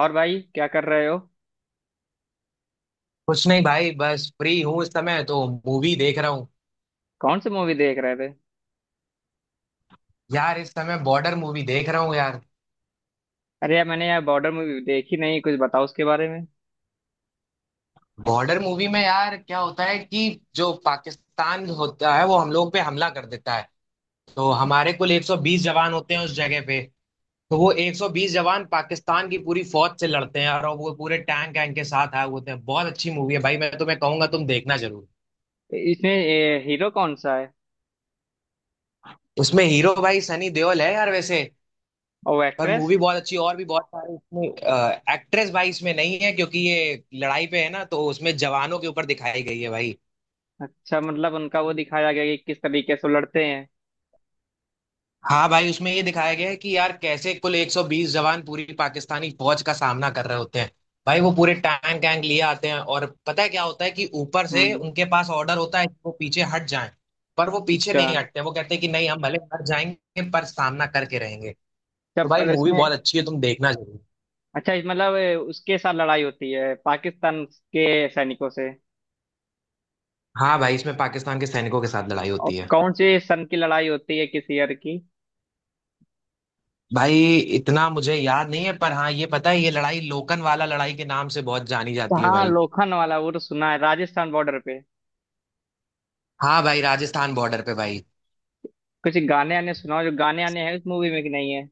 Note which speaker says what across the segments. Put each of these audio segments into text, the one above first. Speaker 1: और भाई क्या कर रहे हो।
Speaker 2: कुछ नहीं भाई, बस फ्री हूँ इस समय तो। मूवी देख रहा हूँ।
Speaker 1: कौन सी मूवी देख रहे थे?
Speaker 2: यार इस समय बॉर्डर मूवी देख रहा हूँ यार।
Speaker 1: अरे यार, मैंने यार बॉर्डर मूवी देखी नहीं। कुछ बताओ उसके बारे में।
Speaker 2: बॉर्डर मूवी में यार क्या होता है कि जो पाकिस्तान होता है वो हम लोग पे हमला कर देता है। तो हमारे कुल 120 जवान होते हैं उस जगह पे। तो वो 120 जवान पाकिस्तान की पूरी फौज से लड़ते हैं और वो पूरे टैंक वैंक के साथ आए हुए होते हैं। बहुत अच्छी मूवी है भाई, मैं तुम्हें कहूंगा तुम देखना जरूर।
Speaker 1: इसमें हीरो कौन सा है?
Speaker 2: उसमें हीरो भाई सनी देओल है यार वैसे।
Speaker 1: और वो
Speaker 2: पर
Speaker 1: एक्ट्रेस?
Speaker 2: मूवी बहुत अच्छी, और भी बहुत सारे इसमें। एक्ट्रेस भाई इसमें नहीं है क्योंकि ये लड़ाई पे है ना, तो उसमें जवानों के ऊपर दिखाई गई है भाई।
Speaker 1: अच्छा, मतलब उनका वो दिखाया गया कि किस तरीके से वो लड़ते हैं।
Speaker 2: हाँ भाई, उसमें ये दिखाया गया है कि यार कैसे कुल 120 जवान पूरी पाकिस्तानी फौज का सामना कर रहे होते हैं। भाई वो पूरे टैंक वैंक लिए आते हैं, और पता है क्या होता है कि ऊपर से
Speaker 1: हम्म।
Speaker 2: उनके पास ऑर्डर होता है कि वो पीछे हट जाएं। पर वो पीछे
Speaker 1: अच्छा।
Speaker 2: नहीं हटते, वो कहते हैं कि नहीं हम भले हट जाएंगे पर सामना करके रहेंगे।
Speaker 1: अच्छा,
Speaker 2: तो भाई
Speaker 1: पर
Speaker 2: मूवी
Speaker 1: इसमें।
Speaker 2: बहुत अच्छी है, तुम देखना जरूर।
Speaker 1: अच्छा, इस मतलब उसके साथ लड़ाई होती है पाकिस्तान के सैनिकों से।
Speaker 2: हाँ भाई, इसमें पाकिस्तान के सैनिकों के साथ लड़ाई
Speaker 1: और
Speaker 2: होती है।
Speaker 1: कौन से सन की लड़ाई होती है, किस ईयर की?
Speaker 2: भाई इतना मुझे याद नहीं है, पर हाँ ये पता है, ये लड़ाई लोकन वाला लड़ाई के नाम से बहुत जानी जाती है
Speaker 1: हाँ,
Speaker 2: भाई।
Speaker 1: लोखंड वाला वो तो सुना है, राजस्थान बॉर्डर पे।
Speaker 2: हाँ भाई, राजस्थान बॉर्डर पे भाई।
Speaker 1: कुछ गाने आने सुनाओ, जो गाने आने हैं उस मूवी में कि नहीं है?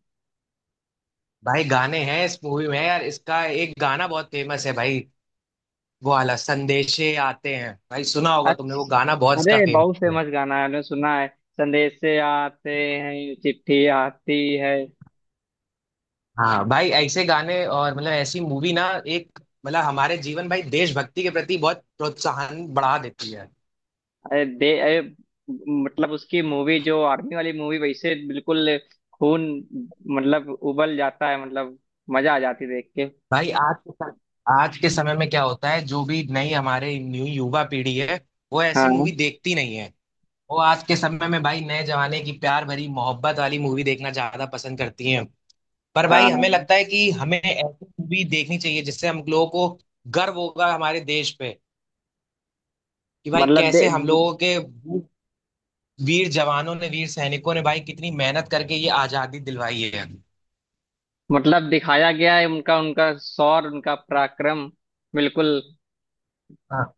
Speaker 2: भाई गाने हैं इस मूवी में, यार इसका एक गाना बहुत फेमस है भाई। वो वाला संदेशे आते हैं भाई, सुना होगा तुमने, वो गाना बहुत
Speaker 1: अच्छा,
Speaker 2: इसका
Speaker 1: अरे
Speaker 2: फेमस
Speaker 1: बहुत
Speaker 2: है।
Speaker 1: फेमस गाना है, मैंने सुना है। संदेश से आते हैं, ये चिट्ठी आती है।
Speaker 2: हाँ भाई ऐसे गाने, और मतलब ऐसी मूवी ना एक, मतलब हमारे जीवन भाई देशभक्ति के प्रति बहुत प्रोत्साहन बढ़ा देती है।
Speaker 1: अरे, दे, अरे। मतलब उसकी मूवी जो आर्मी वाली मूवी, वैसे बिल्कुल। खून। मतलब उबल जाता है, मतलब। मजा आ जाती है देख के।
Speaker 2: भाई आज के सम- आज के समय में क्या होता है, जो भी नई हमारे न्यू युवा पीढ़ी है, वो ऐसी
Speaker 1: हाँ।
Speaker 2: मूवी देखती नहीं है। वो आज के समय में भाई नए जमाने की प्यार भरी मोहब्बत वाली मूवी देखना ज्यादा पसंद करती हैं। पर भाई हमें
Speaker 1: हाँ।
Speaker 2: लगता है कि हमें ऐसी मूवी देखनी चाहिए जिससे हम लोगों को गर्व होगा हमारे देश पे, कि भाई
Speaker 1: मतलब दे।
Speaker 2: कैसे हम लोगों के वीर जवानों ने, वीर सैनिकों ने भाई कितनी मेहनत करके ये आजादी दिलवाई है।
Speaker 1: मतलब दिखाया गया है उनका उनका शौर, उनका पराक्रम। बिल्कुल।
Speaker 2: हाँ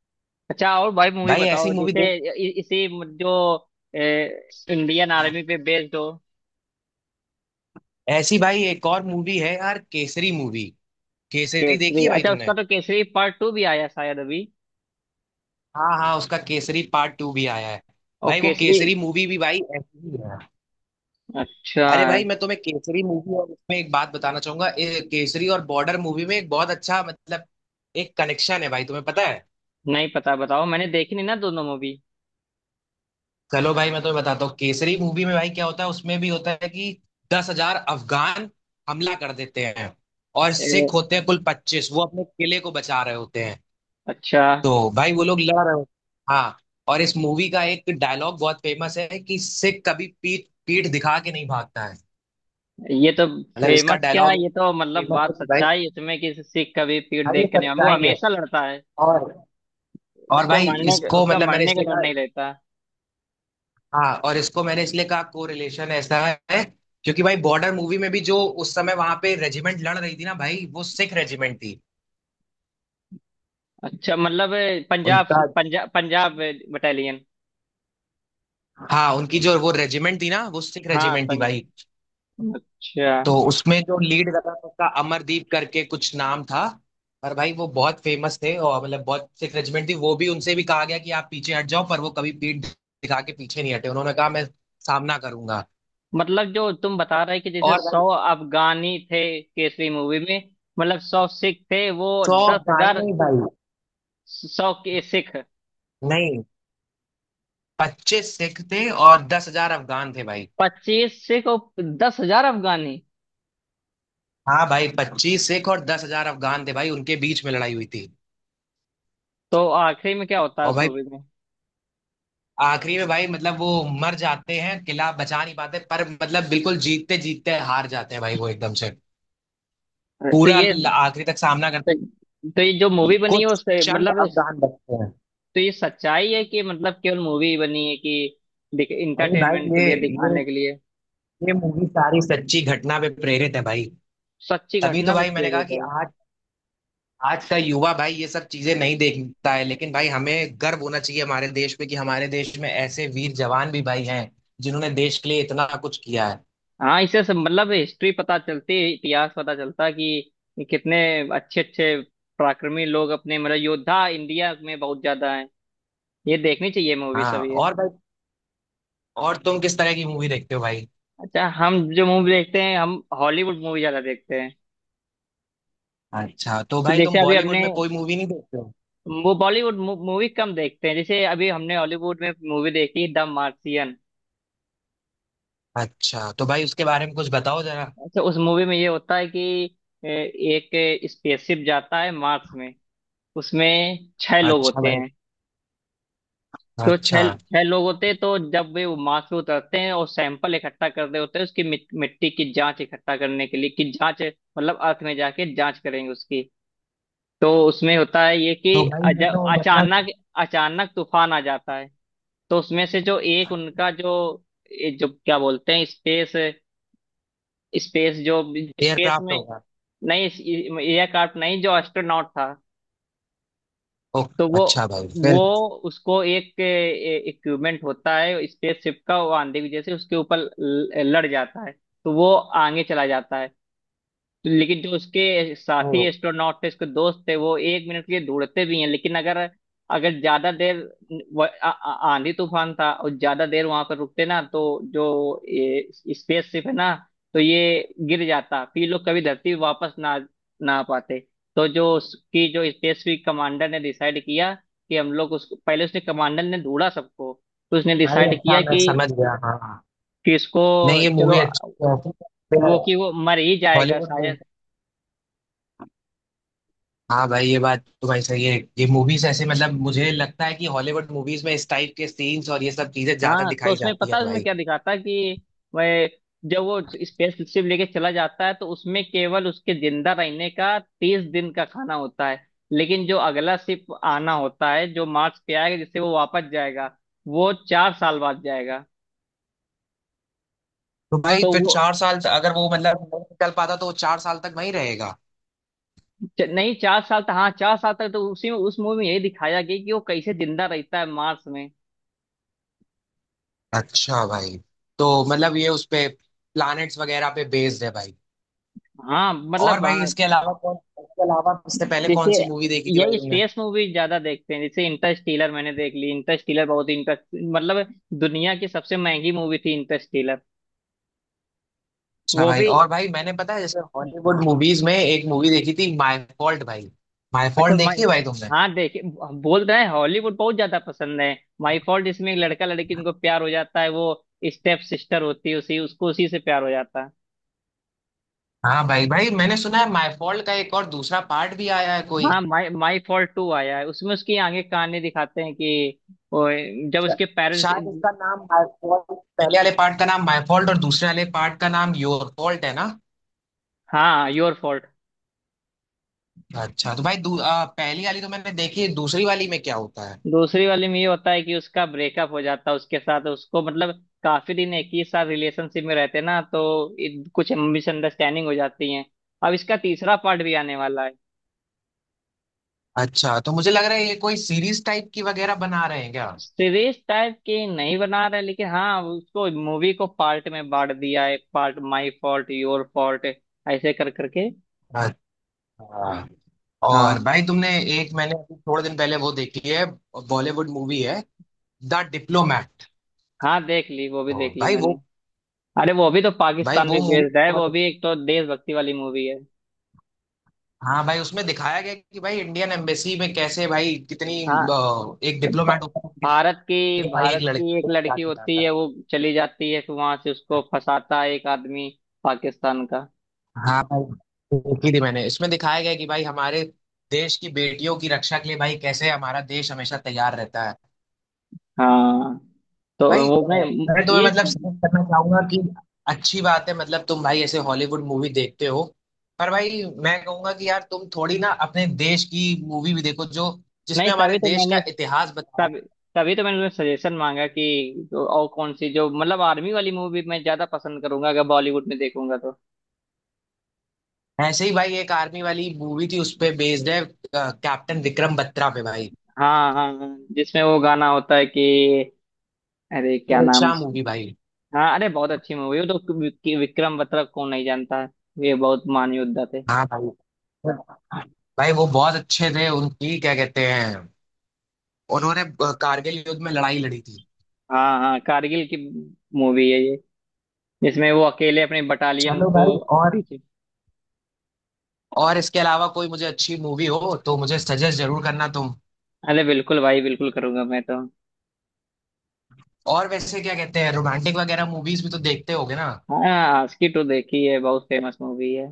Speaker 1: अच्छा, और भाई मूवी
Speaker 2: भाई, ऐसी
Speaker 1: बताओ
Speaker 2: मूवी
Speaker 1: जैसे
Speaker 2: देख।
Speaker 1: इसी। जो। इंडियन आर्मी पे बेस्ड हो।
Speaker 2: ऐसी भाई एक और मूवी है यार, केसरी मूवी। केसरी देखी
Speaker 1: केसरी?
Speaker 2: है भाई
Speaker 1: अच्छा, उसका
Speaker 2: तुमने?
Speaker 1: तो केसरी पार्ट टू भी आया शायद अभी।
Speaker 2: हाँ हाँ, उसका केसरी पार्ट टू भी आया है।
Speaker 1: और
Speaker 2: भाई वो
Speaker 1: केसरी।
Speaker 2: केसरी मूवी भी भाई ऐसी ही है।
Speaker 1: अच्छा।
Speaker 2: अरे भाई मैं तुम्हें केसरी मूवी और उसमें एक बात बताना चाहूंगा, केसरी और बॉर्डर मूवी में एक बहुत अच्छा मतलब एक कनेक्शन है भाई, तुम्हें पता है?
Speaker 1: नहीं पता, बताओ, मैंने देखी नहीं ना दोनों मूवी।
Speaker 2: चलो भाई मैं तुम्हें बताता हूँ, केसरी मूवी में भाई क्या होता है, उसमें भी होता है कि 10 हजार अफगान हमला कर देते हैं, और
Speaker 1: ए,
Speaker 2: सिख होते हैं कुल 25, वो अपने किले को बचा रहे होते हैं।
Speaker 1: अच्छा।
Speaker 2: तो भाई वो लोग लड़ रहे हो। हाँ, और इस मूवी का एक डायलॉग बहुत फेमस है कि सिख कभी पीठ पीठ दिखा के नहीं भागता है।
Speaker 1: ये तो।
Speaker 2: मतलब इसका
Speaker 1: फेमस क्या है?
Speaker 2: डायलॉग
Speaker 1: ये तो मतलब
Speaker 2: फेमस है
Speaker 1: बात
Speaker 2: कि भाई
Speaker 1: सच्चा है इसमें, कि सिख कभी पीठ
Speaker 2: भाई ये
Speaker 1: देख कर नहीं, वो
Speaker 2: सच्चाई है।
Speaker 1: हमेशा लड़ता है।
Speaker 2: और और भाई इसको
Speaker 1: उसका
Speaker 2: मतलब मैंने
Speaker 1: मारने का
Speaker 2: इसलिए
Speaker 1: डर
Speaker 2: कहा।
Speaker 1: नहीं रहता।
Speaker 2: हाँ, और इसको मैंने इसलिए कहा को रिलेशन ऐसा है, क्योंकि भाई बॉर्डर मूवी में भी जो उस समय वहां पे रेजिमेंट लड़ रही थी ना भाई, वो सिख रेजिमेंट थी।
Speaker 1: अच्छा, मतलब
Speaker 2: उनका।
Speaker 1: पंजाब पंजाब बटालियन।
Speaker 2: हाँ, उनकी जो वो रेजिमेंट थी ना, वो सिख
Speaker 1: हाँ।
Speaker 2: रेजिमेंट थी भाई।
Speaker 1: अच्छा,
Speaker 2: तो उसमें जो लीड कर रहा था उसका अमरदीप करके कुछ नाम था। पर भाई वो बहुत फेमस थे, और मतलब बहुत सिख रेजिमेंट थी वो भी, उनसे भी कहा गया कि आप पीछे हट जाओ, पर वो कभी पीठ दिखा के पीछे नहीं हटे, उन्होंने कहा मैं सामना करूंगा।
Speaker 1: मतलब जो तुम बता रहे कि जैसे
Speaker 2: और भाई
Speaker 1: 100 अफगानी थे केसरी मूवी में। मतलब 100 सिख थे, वो
Speaker 2: 100
Speaker 1: दस
Speaker 2: अफगान
Speaker 1: हजार
Speaker 2: नहीं भाई,
Speaker 1: सौ के सिख।
Speaker 2: नहीं, 25 सिख थे और 10 हजार अफगान थे भाई।
Speaker 1: 25 सिख और 10 हजार अफगानी।
Speaker 2: हाँ भाई, 25 सिख और 10 हजार अफगान थे भाई, उनके बीच में लड़ाई हुई थी।
Speaker 1: तो आखिरी में क्या होता है
Speaker 2: और
Speaker 1: उस
Speaker 2: भाई
Speaker 1: मूवी में?
Speaker 2: आखिरी में भाई मतलब वो मर जाते हैं, किला बचा नहीं पाते, पर मतलब बिल्कुल जीतते जीतते हार जाते हैं भाई। वो एकदम से
Speaker 1: तो ये।
Speaker 2: आखिरी तक सामना करते
Speaker 1: तो ये जो
Speaker 2: हैं,
Speaker 1: मूवी बनी है,
Speaker 2: कुछ चंद
Speaker 1: मतलब
Speaker 2: अवदान बचते हैं।
Speaker 1: तो ये सच्चाई है कि मतलब केवल मूवी बनी है कि
Speaker 2: भाई
Speaker 1: इंटरटेनमेंट
Speaker 2: भाई
Speaker 1: के लिए
Speaker 2: ये
Speaker 1: दिखाने के लिए?
Speaker 2: ये मूवी सारी सच्ची घटना पे प्रेरित है भाई।
Speaker 1: सच्ची
Speaker 2: तभी तो
Speaker 1: घटना पे
Speaker 2: भाई मैंने कहा
Speaker 1: प्रेरित
Speaker 2: कि
Speaker 1: है।
Speaker 2: आज आज का युवा भाई ये सब चीजें नहीं देखता है, लेकिन भाई हमें गर्व होना चाहिए हमारे देश पे कि हमारे देश में ऐसे वीर जवान भी भाई हैं जिन्होंने देश के लिए इतना कुछ किया है।
Speaker 1: हाँ, इससे सब मतलब हिस्ट्री पता चलती है, इतिहास पता चलता कि कितने अच्छे अच्छे पराक्रमी लोग, अपने मतलब योद्धा इंडिया में बहुत ज्यादा हैं। ये देखनी चाहिए मूवी,
Speaker 2: हाँ,
Speaker 1: सब ये।
Speaker 2: और भाई, और तुम किस तरह की मूवी देखते हो भाई?
Speaker 1: अच्छा, हम जो मूवी देखते हैं, हम हॉलीवुड मूवी ज्यादा देखते हैं।
Speaker 2: अच्छा, तो
Speaker 1: तो
Speaker 2: भाई
Speaker 1: जैसे
Speaker 2: तुम
Speaker 1: अभी
Speaker 2: बॉलीवुड
Speaker 1: हमने
Speaker 2: में कोई मूवी नहीं देखते हो?
Speaker 1: वो बॉलीवुड मूवी कम देखते हैं, जैसे अभी हमने हॉलीवुड में मूवी देखी द मार्सियन।
Speaker 2: अच्छा, तो भाई उसके बारे में कुछ बताओ जरा।
Speaker 1: अच्छा, उस मूवी में ये होता है कि एक स्पेसशिप जाता है मार्स में, उसमें छह लोग
Speaker 2: अच्छा
Speaker 1: होते
Speaker 2: भाई।
Speaker 1: हैं। तो छह
Speaker 2: अच्छा
Speaker 1: छह लोग होते हैं, तो जब वे वो माँ से उतरते हैं और सैंपल इकट्ठा कर रहे होते हैं उसकी मिट्टी की जांच इकट्ठा करने के लिए, कि जांच मतलब अर्थ में जाके जांच करेंगे उसकी। तो उसमें होता है ये
Speaker 2: तो
Speaker 1: कि
Speaker 2: भाई ये
Speaker 1: जब
Speaker 2: तो मतलब
Speaker 1: अचानक, अचानक तूफान आ जाता है। तो उसमें से जो एक उनका, जो ये जो क्या बोलते हैं स्पेस, स्पेस जो स्पेस
Speaker 2: एयरक्राफ्ट
Speaker 1: में।
Speaker 2: होगा?
Speaker 1: नहीं, एयरक्राफ्ट नहीं, जो एस्ट्रोनॉट था। तो
Speaker 2: ओके
Speaker 1: वो
Speaker 2: अच्छा भाई,
Speaker 1: वो
Speaker 2: फिर?
Speaker 1: उसको एक इक्विपमेंट होता है स्पेसशिप का, वो आंधी की वजह से उसके ऊपर लड़ जाता है। तो वो आगे चला जाता है। लेकिन जो उसके साथी
Speaker 2: तो
Speaker 1: एस्ट्रोनॉट थे, उसके दोस्त थे, वो एक मिनट के लिए ढूंढते भी हैं। लेकिन अगर अगर ज्यादा देर, आंधी तूफान था और ज्यादा देर वहां पर रुकते ना तो जो ये स्पेसशिप है ना, तो ये गिर जाता, फिर ये लोग कभी धरती वापस ना ना आ पाते। तो जो उसकी, जो स्पेसशिप कमांडर ने डिसाइड किया कि हम लोग उसको, पहले उसने कमांडर ने ढूंढा सबको। तो उसने
Speaker 2: भाई
Speaker 1: डिसाइड
Speaker 2: अच्छा,
Speaker 1: किया
Speaker 2: मैं समझ गया, हाँ हाँ।
Speaker 1: कि इसको,
Speaker 2: नहीं ये
Speaker 1: चलो,
Speaker 2: मूवी अच्छी है,
Speaker 1: वो कि वो मर ही जाएगा
Speaker 2: हॉलीवुड मूवी।
Speaker 1: शायद।
Speaker 2: हाँ भाई, ये बात तो भाई सही है, ये मूवीज ऐसे मतलब मुझे लगता है कि हॉलीवुड मूवीज में इस टाइप के सीन्स और ये सब चीजें ज्यादा
Speaker 1: हाँ, तो
Speaker 2: दिखाई
Speaker 1: उसमें
Speaker 2: जाती
Speaker 1: पता
Speaker 2: है
Speaker 1: है उसमें
Speaker 2: भाई।
Speaker 1: क्या दिखाता है कि वह जब वो स्पेस शिप लेके चला जाता है तो उसमें केवल उसके जिंदा रहने का 30 दिन का खाना होता है। लेकिन जो अगला शिप आना होता है जो मार्स पे आएगा, जिससे वो वापस जाएगा, वो 4 साल बाद जाएगा।
Speaker 2: तो भाई
Speaker 1: तो
Speaker 2: फिर
Speaker 1: वो
Speaker 2: चार साल तक अगर वो मतलब नहीं निकल पाता तो वो चार साल तक वहीं रहेगा?
Speaker 1: नहीं, 4 साल तक, हाँ 4 साल तक, तो उसी में उस मूवी में यही दिखाया गया कि वो कैसे जिंदा रहता है मार्स में।
Speaker 2: अच्छा भाई, तो मतलब ये उस पे प्लैनेट्स वगैरह पे बेस्ड है भाई।
Speaker 1: हाँ,
Speaker 2: और
Speaker 1: मतलब
Speaker 2: भाई
Speaker 1: हाँ।
Speaker 2: इसके अलावा कौन, इसके अलावा इससे पहले कौन
Speaker 1: जैसे
Speaker 2: सी मूवी देखी थी भाई
Speaker 1: यही
Speaker 2: तुमने?
Speaker 1: स्पेस मूवी ज्यादा देखते हैं, जैसे इंटरस्टेलर मैंने देख ली, इंटरस्टेलर बहुत ही इंटर, मतलब दुनिया की सबसे महंगी मूवी थी इंटरस्टेलर।
Speaker 2: अच्छा
Speaker 1: वो
Speaker 2: भाई।
Speaker 1: भी।
Speaker 2: और भाई मैंने, पता है, जैसे हॉलीवुड मूवीज में एक मूवी देखी थी माय फॉल्ट भाई। माय
Speaker 1: अच्छा
Speaker 2: फॉल्ट
Speaker 1: मैं।
Speaker 2: देखी है भाई तुमने?
Speaker 1: हाँ देखे, बोल रहे हैं हॉलीवुड बहुत ज्यादा पसंद है। माई फॉल्ट, इसमें एक लड़का लड़की इनको प्यार हो जाता है, वो स्टेप सिस्टर होती है, उसी उसको उसी से प्यार हो जाता है।
Speaker 2: हाँ भाई, भाई मैंने सुना है माय फॉल्ट का एक और दूसरा पार्ट भी आया है कोई।
Speaker 1: हाँ, माई माई फॉल्ट टू आया है, उसमें उसकी आगे कहानी दिखाते हैं कि वो जब
Speaker 2: शा-
Speaker 1: उसके पेरेंट्स।
Speaker 2: शायद इसका नाम माय फॉल्ट, पहले वाले पार्ट का नाम माय फॉल्ट और दूसरे वाले पार्ट का नाम योर फॉल्ट है ना?
Speaker 1: हाँ, योर फॉल्ट।
Speaker 2: अच्छा तो भाई, पहली वाली तो मैंने देखी है, दूसरी वाली में क्या होता है?
Speaker 1: दूसरी वाली में ये होता है कि उसका ब्रेकअप हो जाता है उसके साथ, उसको मतलब काफी दिन एक ही साथ रिलेशनशिप में रहते ना तो कुछ मिसअंडरस्टैंडिंग हो जाती है। अब इसका तीसरा पार्ट भी आने वाला है।
Speaker 2: अच्छा, तो मुझे लग रहा है ये कोई सीरीज टाइप की वगैरह बना रहे हैं क्या?
Speaker 1: सीरीज टाइप की नहीं बना रहा है, लेकिन हाँ, उसको मूवी को पार्ट में बांट दिया है, part my fault, your fault, ऐसे कर करके।
Speaker 2: अच्छा, और
Speaker 1: हाँ
Speaker 2: भाई तुमने, एक मैंने अभी थोड़े दिन पहले वो देखी है, बॉलीवुड मूवी है, द डिप्लोमैट।
Speaker 1: हाँ, देख ली, वो भी
Speaker 2: हाँ
Speaker 1: देख ली
Speaker 2: भाई वो,
Speaker 1: मैंने। अरे वो भी तो
Speaker 2: भाई
Speaker 1: पाकिस्तान
Speaker 2: वो
Speaker 1: पे
Speaker 2: मूवी
Speaker 1: बेस्ड है, वो
Speaker 2: बहुत।
Speaker 1: भी एक तो देशभक्ति वाली मूवी है।
Speaker 2: हाँ भाई, उसमें दिखाया गया कि भाई इंडियन एम्बेसी में कैसे भाई कितनी,
Speaker 1: हाँ,
Speaker 2: एक
Speaker 1: भ-
Speaker 2: डिप्लोमैट होता है
Speaker 1: भारत
Speaker 2: कि
Speaker 1: की
Speaker 2: भाई एक
Speaker 1: भारत की
Speaker 2: लड़की
Speaker 1: एक
Speaker 2: को क्या
Speaker 1: लड़की होती
Speaker 2: सिखाता
Speaker 1: है, वो चली जाती है फिर वहां से उसको
Speaker 2: है।
Speaker 1: फंसाता है एक आदमी, पाकिस्तान का।
Speaker 2: हाँ भाई, देखी थी मैंने, इसमें दिखाया गया कि भाई हमारे देश की बेटियों की रक्षा के लिए भाई कैसे हमारा देश हमेशा तैयार रहता है।
Speaker 1: हाँ, तो
Speaker 2: भाई
Speaker 1: वो
Speaker 2: अ,
Speaker 1: मैं
Speaker 2: मैं तुम्हें
Speaker 1: ये।
Speaker 2: मतलब सजेस्ट करना चाहूंगा कि अच्छी बात है मतलब तुम भाई ऐसे हॉलीवुड मूवी देखते हो, पर भाई मैं कहूंगा कि यार तुम थोड़ी ना अपने देश की मूवी भी देखो, जो
Speaker 1: नहीं
Speaker 2: जिसमें हमारे
Speaker 1: तभी तो
Speaker 2: देश
Speaker 1: मैंने,
Speaker 2: का इतिहास बताया।
Speaker 1: तभी तभी तो मैंने सजेशन मांगा कि तो और कौन सी जो मतलब आर्मी वाली मूवी मैं ज्यादा पसंद करूंगा अगर बॉलीवुड में देखूंगा तो।
Speaker 2: ऐसे ही भाई एक आर्मी वाली मूवी थी उस पे बेस्ड है, कैप्टन विक्रम बत्रा पे भाई,
Speaker 1: हाँ हाँ हाँ, जिसमें वो गाना होता है कि अरे क्या नाम
Speaker 2: शेरशाह मूवी
Speaker 1: उसका?
Speaker 2: भाई।
Speaker 1: हाँ, अरे बहुत अच्छी मूवी वो तो। विक्रम बत्रा को नहीं जानता है, ये बहुत महान योद्धा थे।
Speaker 2: हाँ भाई, भाई वो बहुत अच्छे थे, उनकी क्या कहते हैं, उन्होंने कारगिल युद्ध में लड़ाई लड़ी थी।
Speaker 1: हाँ हाँ, कारगिल की मूवी है ये, जिसमें वो अकेले अपने बटालियन
Speaker 2: चलो भाई,
Speaker 1: को पीछे।
Speaker 2: और इसके अलावा कोई मुझे अच्छी मूवी हो तो मुझे सजेस्ट जरूर करना तुम।
Speaker 1: अरे बिल्कुल भाई, बिल्कुल करूंगा मैं तो।
Speaker 2: और वैसे क्या कहते हैं, रोमांटिक वगैरह मूवीज भी तो देखते होगे ना?
Speaker 1: हाँ, आस्की टू देखी है, बहुत फेमस मूवी है।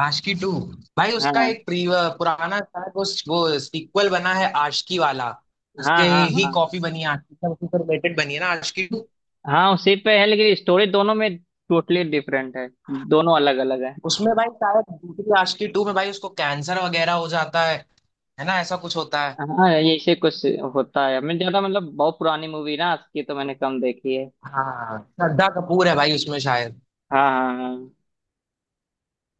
Speaker 2: आशिकी टू? भाई
Speaker 1: हाँ
Speaker 2: उसका
Speaker 1: हाँ
Speaker 2: एक प्री, पुराना शायद वो सीक्वल बना है आशिकी वाला,
Speaker 1: हाँ,
Speaker 2: उसके
Speaker 1: हाँ
Speaker 2: ही
Speaker 1: हाँ
Speaker 2: कॉपी बनी है आशिकी का, उसी से रिलेटेड बनी है ना आशिकी टू।
Speaker 1: हाँ, उसी पे है लेकिन स्टोरी दोनों में टोटली डिफरेंट है, दोनों अलग अलग है।
Speaker 2: उसमें भाई शायद दूसरी आशिकी टू में भाई उसको कैंसर वगैरह हो जाता है ना, ऐसा कुछ होता है?
Speaker 1: हाँ, ऐसे कुछ होता है, मैं ज्यादा मतलब बहुत पुरानी मूवी ना आस्की, तो मैंने कम देखी है।
Speaker 2: हाँ, श्रद्धा कपूर है भाई उसमें शायद।
Speaker 1: हाँ हाँ हाँ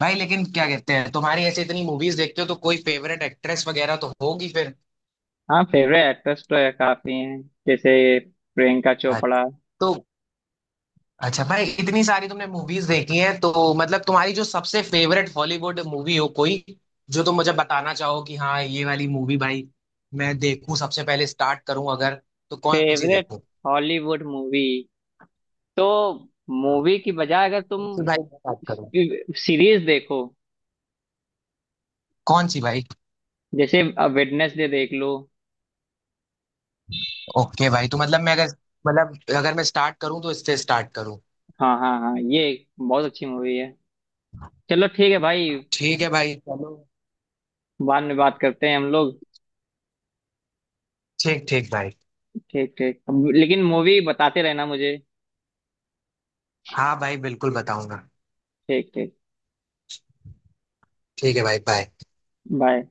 Speaker 2: भाई लेकिन क्या कहते हैं, तुम्हारी ऐसे इतनी मूवीज देखते हो तो कोई फेवरेट एक्ट्रेस वगैरह तो होगी फिर?
Speaker 1: हाँ। फेवरेट एक्ट्रेस तो है, काफी हैं, जैसे प्रियंका चोपड़ा।
Speaker 2: तो अच्छा भाई, इतनी सारी तुमने मूवीज देखी हैं तो मतलब तुम्हारी जो सबसे फेवरेट हॉलीवुड मूवी हो कोई, जो तुम मुझे बताना चाहो कि हाँ ये वाली मूवी भाई मैं देखूं सबसे पहले, स्टार्ट करूं अगर, तो कौन सी
Speaker 1: फेवरेट
Speaker 2: देखूं?
Speaker 1: Hollywood movie? तो मूवी की बजाय अगर तुम
Speaker 2: कौन सी भाई स्टार्ट करूं?
Speaker 1: सीरीज देखो,
Speaker 2: कौन सी भाई?
Speaker 1: जैसे अब वेडनेसडे देख लो।
Speaker 2: ओके भाई, तो मतलब मैं अगर, मतलब अगर मैं स्टार्ट करूं तो इससे स्टार्ट करूं?
Speaker 1: हाँ हाँ हाँ, ये बहुत अच्छी मूवी है। चलो ठीक है भाई,
Speaker 2: ठीक है भाई चलो।
Speaker 1: बाद में बात करते हैं हम लोग।
Speaker 2: ठीक ठीक भाई।
Speaker 1: ठीक ठीक। लेकिन मूवी बताते रहना मुझे।
Speaker 2: हाँ भाई बिल्कुल बताऊंगा।
Speaker 1: ठीक ठीक।
Speaker 2: ठीक है भाई, बाय।
Speaker 1: बाय।